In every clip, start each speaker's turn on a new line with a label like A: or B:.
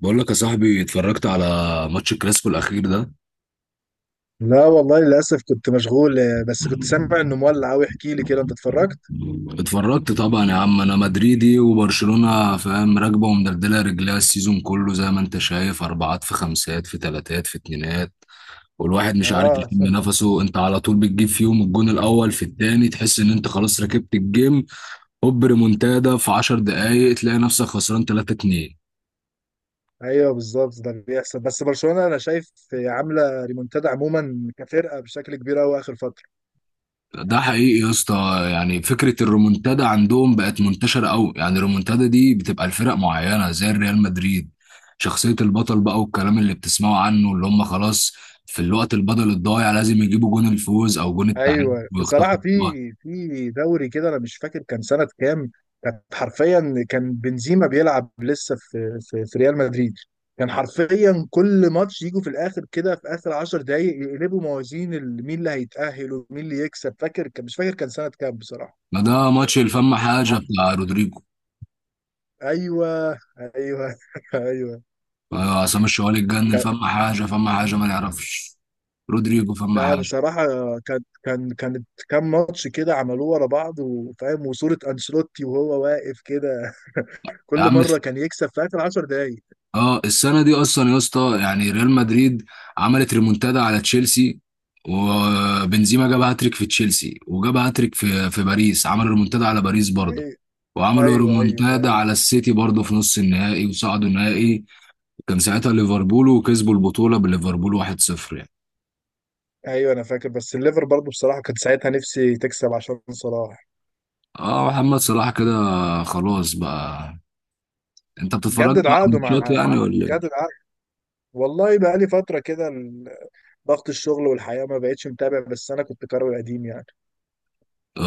A: بقول لك يا صاحبي، اتفرجت على ماتش الكلاسيكو الاخير ده.
B: لا والله، للأسف كنت مشغول بس كنت سامع إنه مولع أوي. احكي لي كده، أنت اتفرجت؟
A: اتفرجت طبعا يا عم، انا مدريدي وبرشلونة فاهم راكبه ومدلدله رجليها السيزون كله. زي ما انت شايف، اربعات في خمسات في تلاتات في اتنينات، والواحد مش عارف
B: آه.
A: يشم نفسه. انت على طول بتجيب فيهم الجون الاول في التاني، تحس ان انت خلاص ركبت الجيم، هوب ريمونتادا في 10 دقايق تلاقي نفسك خسران 3-2.
B: أيوه، بالظبط ده بيحصل. بس برشلونة أنا شايف عاملة ريمونتادا عموما كفرقة بشكل كبير أوي آخر فترة.
A: ده حقيقي يا اسطى، يعني فكره الرومونتادا عندهم بقت منتشره قوي. يعني الرومونتادا دي بتبقى لفرق معينه زي الريال مدريد، شخصيه البطل بقى، والكلام اللي بتسمعه عنه اللي هم خلاص في الوقت البدل الضايع لازم يجيبوا جون الفوز او جون التعادل
B: أيوه، بصراحة،
A: ويخطفوا
B: في
A: الوقت.
B: في دوري كده، أنا مش فاكر كان سنة كام. كانت حرفيا، كان بنزيما بيلعب لسه في ريال مدريد. كان حرفيا كل ماتش يجوا في الآخر كده، في آخر 10 دقايق يقلبوا موازين مين اللي هيتأهل ومين اللي يكسب. فاكر كان مش فاكر كان سنة كام بصراحة.
A: ما ده ماتش الفم حاجه بتاع رودريجو.
B: ايوه، ايوه، ايوه.
A: عصام الشوالي اتجنن،
B: كان-
A: فم حاجه فم حاجه ما نعرفش، رودريجو فم
B: لا
A: حاجه.
B: بصراحه، كانت كام ماتش كده عملوه ورا بعض، وفاهم وصوره انشيلوتي وهو واقف كده.
A: يا
B: كل
A: عم،
B: مره كان يكسب في اخر 10 دقايق.
A: اه السنه دي اصلا يا اسطى يعني ريال مدريد عملت ريمونتادا على تشيلسي، وبنزيما جاب هاتريك في تشيلسي، وجاب هاتريك في باريس، عمل ريمونتادا على باريس برضه.
B: ايوه،
A: وعملوا
B: ايوه، ايوه،
A: ريمونتادا
B: ايوه،
A: على السيتي برضه في نص النهائي وصعدوا النهائي، كان ساعتها ليفربول، وكسبوا البطوله بليفربول 1-0 يعني.
B: ايوه، انا فاكر. بس الليفر برضو بصراحه كانت ساعتها نفسي تكسب عشان صلاح.
A: اه، محمد صلاح كده خلاص بقى. انت بتتفرج
B: جدد
A: بقى على
B: عقده
A: الماتشات
B: مع
A: يعني ولا إيه؟
B: جدد عقده. والله بقى لي فتره كده ضغط الشغل والحياه ما بقتش متابع. بس انا كنت كروي قديم يعني.
A: اه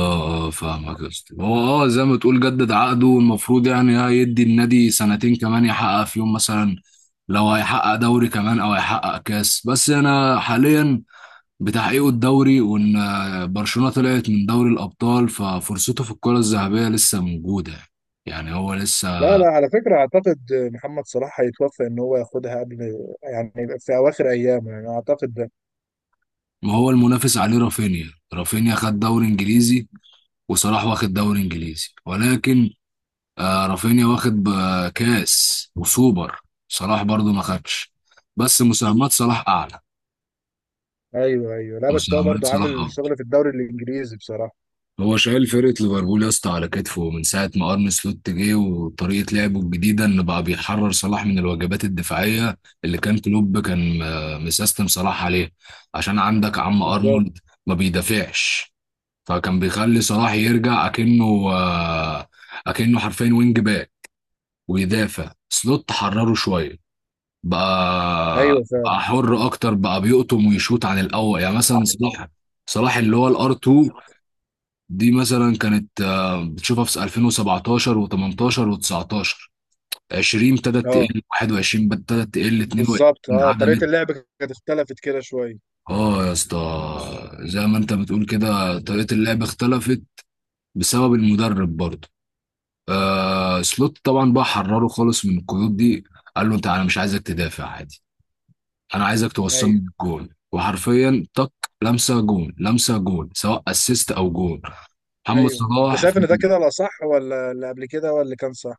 A: اه، فاهمك يا اسطى. هو اه زي ما تقول جدد عقده، المفروض يعني هيدي النادي سنتين كمان يحقق فيهم مثلا، لو هيحقق دوري كمان او هيحقق كاس. بس انا حاليا بتحقيقه الدوري، وان برشلونة طلعت من دوري الابطال، ففرصته في الكرة الذهبية لسه موجودة، يعني هو
B: لا،
A: لسه.
B: لا، على فكرة أعتقد محمد صلاح هيتوفى إن هو ياخدها قبل، يعني يبقى في أواخر أيامه، يعني أعتقد ده.
A: ما هو المنافس عليه رافينيا، رافينيا خد دوري انجليزي، وصلاح واخد دوري انجليزي، ولكن آه رافينيا واخد بكاس وسوبر، صلاح برضو ما خدش. بس مساهمات صلاح اعلى،
B: أيوه، أيوه، لا بس هو
A: مساهمات
B: برضه
A: صلاح
B: عامل
A: اكتر.
B: شغل في الدوري الإنجليزي بصراحة.
A: هو شايل فرقة ليفربول يا اسطى على كتفه من ساعة ما أرن سلوت جه، وطريقة لعبه الجديدة إن بقى بيحرر صلاح من الواجبات الدفاعية اللي كان كلوب كان مسيستم صلاح عليه. عشان عندك عم
B: بالظبط.
A: أرنولد ما بيدافعش، فكان بيخلي صلاح يرجع أكنه، أكنه حرفيا وينج باك ويدافع. سلوت حرره شوية،
B: أيوه
A: بقى
B: فعلا.
A: حر اكتر، بقى بيقطم ويشوط عن الاول. يعني مثلا صلاح، صلاح اللي هو الار 2، دي مثلا كانت بتشوفها في 2017 و18 و19. 20 ابتدت
B: أه،
A: تقل، 21 ابتدت تقل 22،
B: بالظبط. طريقة
A: عدمت.
B: اللعب كانت اختلفت كده شوية.
A: اه يا اسطى، زي ما انت بتقول كده، طريقة اللعب اختلفت بسبب المدرب برضه. آه، سلوت طبعا بقى حرره خالص من القيود دي، قال له انت، انا مش عايزك تدافع عادي، انا عايزك
B: أيوه،
A: توصلني الجون وحرفيا طق، لمسه جون لمسه جون، سواء اسيست او جون. محمد
B: أيوه، أنت
A: صلاح
B: شايف
A: في...
B: إن ده كده الأصح، ولا اللي قبل كده، ولا اللي كان صح؟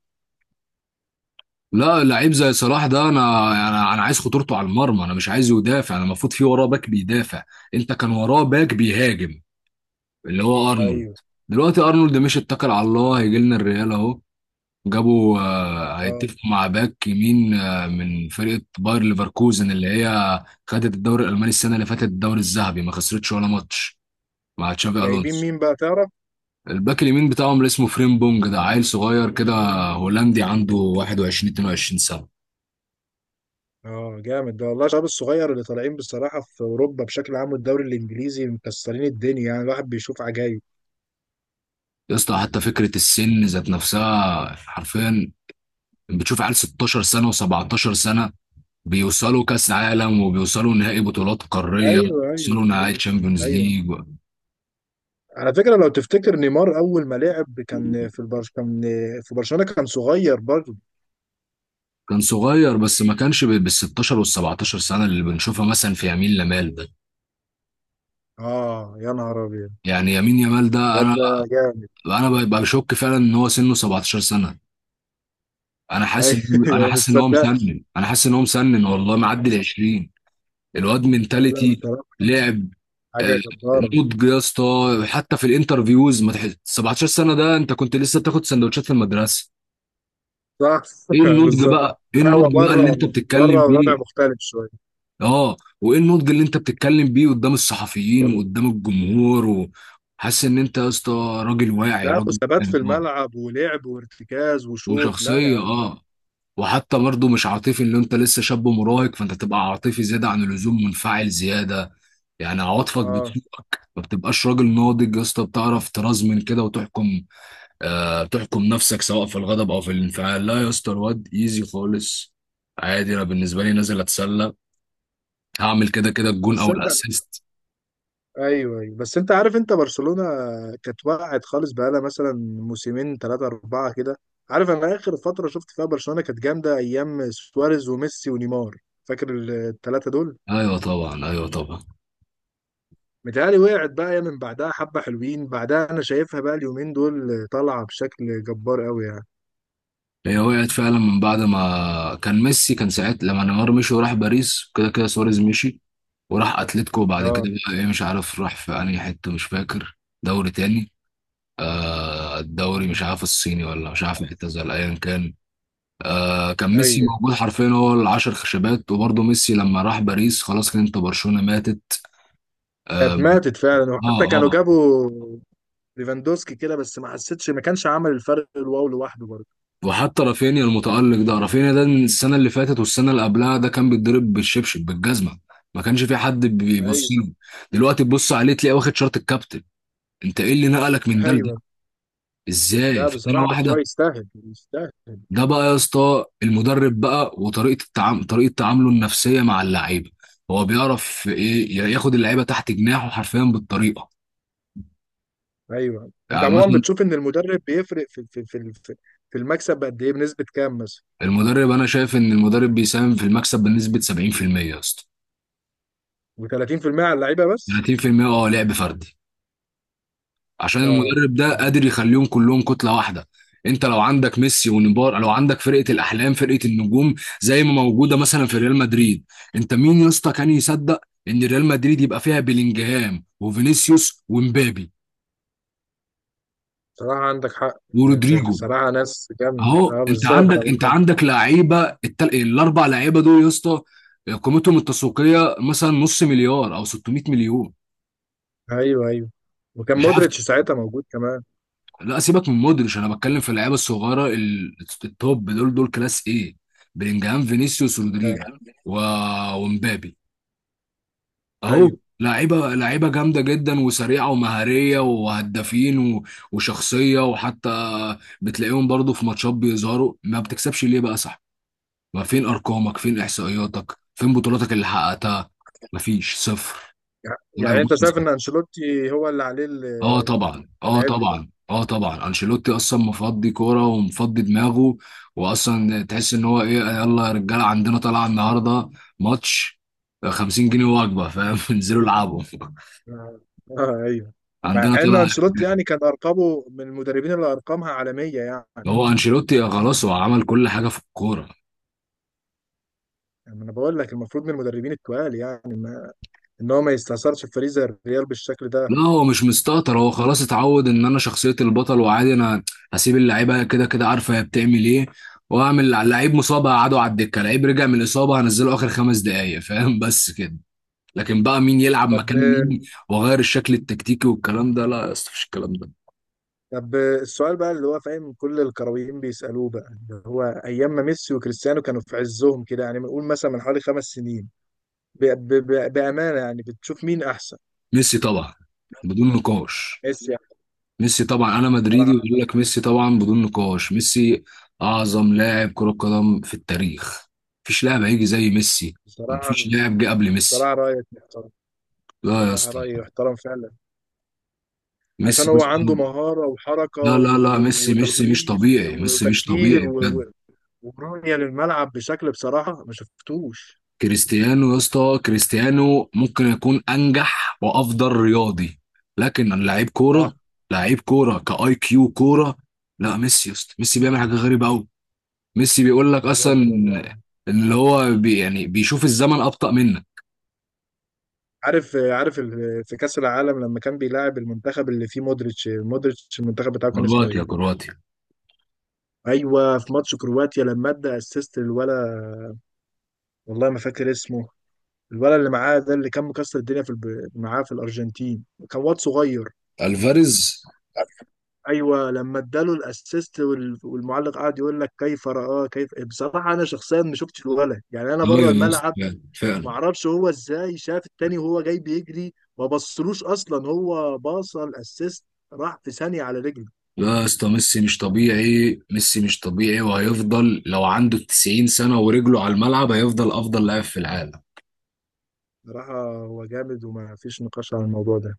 A: لا، لعيب زي صلاح ده، انا انا عايز خطورته على المرمى، انا مش عايزه يدافع، انا المفروض في وراه باك بيدافع. انت كان وراه باك بيهاجم اللي هو ارنولد.
B: أيوه.
A: دلوقتي ارنولد مش، اتكل على الله هيجي لنا الريال اهو، جابوا،
B: أه
A: هيتفقوا مع باك يمين من فرقه باير ليفركوزن اللي هي خدت الدوري الالماني السنه اللي فاتت، الدوري الذهبي ما خسرتش ولا ماتش مع تشافي
B: جايبين
A: الونسو.
B: مين بقى تعرف؟
A: الباك اليمين بتاعهم اللي اسمه فريم بونج، ده عيل صغير كده، هولندي عنده 21 22 سنة.
B: اه، جامد ده والله. الشباب الصغير اللي طالعين بصراحة في أوروبا بشكل عام والدوري الإنجليزي مكسرين الدنيا، يعني الواحد بيشوف عجايب.
A: يا اسطى، حتى فكرة السن ذات نفسها، حرفيا بتشوف عيال 16 سنة و17 سنة بيوصلوا كأس عالم، وبيوصلوا نهائي بطولات قارية،
B: ايوه، ايوه،
A: بيوصلوا نهائي
B: ايوه،
A: تشامبيونز
B: ايوه،
A: ليج.
B: على فكره لو تفتكر نيمار اول ما لعب كان في برشلونه، كان صغير برضه.
A: كان صغير بس ما كانش بال 16 وال 17 سنه اللي بنشوفها مثلا في يمين لمال ده.
B: اه يا نهار ابيض،
A: يعني يمين يمال ده،
B: الواد
A: انا
B: ده جامد.
A: ببقى بشك فعلا ان هو سنه 17 سنه. انا حاسس ان هو، انا
B: ايوه، ما
A: حاسس ان هو
B: تصدقش.
A: مسنن انا حاسس ان هو مسنن والله معدي ال 20. الواد
B: لا، لا
A: منتاليتي،
B: بصراحه،
A: لعب آه،
B: حاجه جباره.
A: نضج يا اسطى. حتى في الانترفيوز ما تحس 17 سنه، ده انت كنت لسه بتاخد سندوتشات في المدرسه.
B: صح.
A: ايه النضج
B: بالظبط.
A: بقى، ايه
B: لا هو
A: النضج بقى اللي
B: بره
A: انت
B: بره
A: بتتكلم
B: وضع
A: بيه.
B: مختلف شويه.
A: اه، وايه النضج اللي انت بتتكلم بيه قدام الصحفيين وقدام الجمهور و-. حاسس ان انت يا اسطى راجل واعي،
B: لا،
A: راجل
B: وثبات في
A: كان ناضج،
B: الملعب ولعب وارتكاز وشوط. لا يا
A: وشخصيه
B: عم، لا.
A: اه. وحتى برضه مش عاطفي، ان انت لسه شاب مراهق فانت تبقى عاطفي زياده عن اللزوم، منفعل زياده. يعني عواطفك
B: اه.
A: بتسوقك، ما بتبقاش راجل ناضج يا اسطى، بتعرف ترزمن كده وتحكم. آه، تحكم نفسك سواء في الغضب او في الانفعال. لا يا اسطى، الواد ايزي خالص عادي، انا بالنسبه لي نازل اتسلى، هعمل كده كده الجون
B: بس
A: او
B: انت
A: الاسيست.
B: ايوه، ايوه، بس انت عارف، انت برشلونه كانت وقعت خالص بقالها مثلا موسمين، ثلاثه اربعه كده. عارف، انا اخر فتره شفت فيها برشلونه كانت جامده ايام سواريز وميسي ونيمار. فاكر الثلاثه دول؟
A: ايوه طبعا، ايوه طبعا.
B: متهيألي وقعت بقى، هي من بعدها حبه حلوين. بعدها انا شايفها بقى اليومين دول طالعه بشكل جبار قوي يعني.
A: هي وقعت فعلا من بعد ما كان ميسي، كان ساعتها لما نيمار مشي وراح باريس، كده كده سواريز مشي وراح اتلتيكو بعد
B: اه.
A: كده. بقى ايه، مش عارف راح في انهي حته، مش فاكر، دوري تاني. آه، الدوري
B: مم.
A: مش عارف الصيني، ولا مش عارف اعتزل، ايا كان. آه، كان ميسي
B: ايوه،
A: موجود حرفيا هو العشر خشبات، وبرضه ميسي لما راح باريس خلاص، كان انت برشلونه ماتت.
B: كانت
A: آم،
B: ماتت فعلا.
A: اه
B: وحتى كانوا
A: اه.
B: جابوا ليفاندوسكي كده، بس ما حسيتش، ما كانش عمل الفرق الواو لوحده برضه.
A: وحتى رافينيا المتألق ده، رافينيا ده من السنة اللي فاتت والسنة اللي قبلها، ده كان بيتضرب بالشبشب بالجزمة، ما كانش في حد بيبص
B: ايوه،
A: له. دلوقتي تبص عليه تلاقيه واخد شارة الكابتن. انت ايه اللي نقلك من ده لده؟
B: ايوه،
A: ازاي
B: لا
A: في سنة
B: بصراحة بس هو
A: واحدة؟
B: يستاهل، يستاهل.
A: ده بقى يا اسطى المدرب بقى، وطريقه التعامل، طريقه تعامله النفسيه مع اللعيبه. هو بيعرف ايه، ياخد اللعيبه تحت جناحه حرفيا بالطريقه.
B: ايوه، انت
A: يعني
B: عموما
A: مثلا
B: بتشوف ان المدرب بيفرق في المكسب قد ايه، بنسبة كام مثلا؟
A: المدرب، انا شايف ان المدرب بيساهم في المكسب بنسبه 70% يا اسطى،
B: ب 30% على اللعيبة بس.
A: 30% اه لعب فردي. عشان
B: اه،
A: المدرب ده قادر يخليهم كلهم كتله واحده. انت لو عندك ميسي ونيمار، لو عندك فرقه الاحلام، فرقه النجوم زي ما موجوده مثلا في ريال مدريد. انت مين يا اسطى كان يصدق ان ريال مدريد يبقى فيها بيلينجهام وفينيسيوس ومبابي
B: صراحة عندك حق يعني.
A: ورودريجو؟
B: صراحة ناس جامدة،
A: اهو،
B: اه
A: انت
B: بالظبط
A: عندك انت
B: والله.
A: عندك لعيبه، التل... الاربع لعيبه دول يا اسطى، قيمتهم التسويقيه مثلا نص مليار او 600 مليون،
B: ايوه، ايوه. وكان
A: مش عارف.
B: مودريتش ساعتها موجود كمان.
A: لا، سيبك من مودريتش، انا بتكلم في اللعيبه الصغيره ال- التوب، دول دول كلاس ايه، بلينجهام فينيسيوس رودريجو
B: ايوه،
A: و... ومبابي اهو.
B: أيوة.
A: لعيبه، لعيبه جامده جدا وسريعه ومهاريه وهدافين و... وشخصيه. وحتى بتلاقيهم برضو في ماتشات بيظهروا، ما بتكسبش ليه بقى؟ صح، ما فين ارقامك، فين احصائياتك، فين بطولاتك اللي حققتها؟ مفيش، صفر.
B: يع-
A: لاعب
B: يعني انت
A: بص،
B: شايف ان انشيلوتي هو اللي عليه
A: اه طبعا اه
B: العبء ده؟
A: طبعا اه طبعا، انشيلوتي اصلا مفضي كوره ومفضي دماغه. واصلا تحس ان هو ايه، يلا يا رجاله عندنا طالعه النهارده ماتش، 50 جنيه وجبه فاهم انزلوا العبوا،
B: اه، آه، ايوه. مع
A: عندنا
B: ان
A: طالعه.
B: انشيلوتي يعني كان ارقامه من المدربين اللي ارقامها عالمية يعني.
A: هو انشيلوتي خلاص، هو عمل كل حاجه في الكوره.
B: يعني انا بقول لك المفروض من المدربين التقال يعني، ما ان هو ما يستثمرش في فريق زي الريال بالشكل ده.
A: لا هو مش مستهتر، هو خلاص اتعود ان انا شخصية البطل، وعادي انا هسيب اللعيبة كده كده، عارفة هي بتعمل ايه. واعمل لعيب مصاب هقعده على الدكة، لعيب رجع من الإصابة هنزله آخر خمس دقايق فاهم بس كده. لكن بقى مين يلعب
B: طب
A: مكان مين، واغير الشكل التكتيكي والكلام ده، لا يا اسطى مفيش الكلام ده.
B: طب السؤال بقى اللي هو فاهم كل الكرويين بيسالوه بقى، اللي هو ايام ما ميسي وكريستيانو كانوا في عزهم كده، يعني بنقول مثلا من حوالي 5 سنين. بامانه، يعني بتشوف مين احسن؟
A: ميسي طبعا بدون نقاش،
B: ميسي يعني.
A: ميسي طبعا، انا
B: بصراحه
A: مدريدي وبقول لك ميسي طبعا بدون نقاش. ميسي اعظم لاعب كرة قدم في التاريخ، مفيش لاعب هيجي زي ميسي،
B: بصراحه
A: مفيش لاعب جه قبل ميسي.
B: بصراحه رايك محترم.
A: لا يا
B: بصراحة
A: اسطى،
B: رأيي يحترم فعلا. عشان
A: ميسي
B: هو عنده
A: أصلاً-
B: مهارة وحركة
A: لا لا لا، ميسي مش
B: وتخليص
A: طبيعي، ميسي مش
B: وتفكير
A: طبيعي بجد.
B: ورؤية للملعب بشكل بصراحة ما شفتوش.
A: كريستيانو يا اسطى، كريستيانو ممكن يكون انجح وافضل رياضي، لكن لعيب
B: صح.
A: كوره، لعيب كوره كاي كيو كوره. لا، ميسي يا اسطى، ميسي بيعمل حاجه غريبه قوي. ميسي بيقول لك اصلا
B: بالظبط والله.
A: ان اللي هو بي يعني بيشوف الزمن ابطا منك.
B: عارف، في كأس العالم لما كان بيلاعب المنتخب اللي فيه مودريتش، مودريتش المنتخب بتاعه كان اسمه ايه؟
A: كرواتيا كرواتيا،
B: ايوه، في ماتش كرواتيا لما ادى اسيست للولا. والله ما فاكر اسمه. الولا اللي معاه ده، اللي كان مكسر الدنيا في معاه في الارجنتين، كان واد صغير.
A: الفاريز.
B: ايوه، لما اداله الاسيست والمعلق قعد يقول لك كيف رآه كيف بصراحه. انا شخصيا ما شفتش الولا، يعني انا
A: ايوه
B: بره
A: يا اسطى،
B: الملعب.
A: فعلا فعلاً.
B: معرفش هو ازاي شاف التاني وهو جاي بيجري، ما بصلوش اصلا. هو باص الاسيست راح في ثانية على رجله.
A: لا يا اسطى، ميسي مش طبيعي، ميسي مش طبيعي، وهيفضل لو عنده 90 سنة ورجله على الملعب هيفضل أفضل لاعب في العالم.
B: بصراحة هو جامد، وما فيش نقاش على الموضوع ده.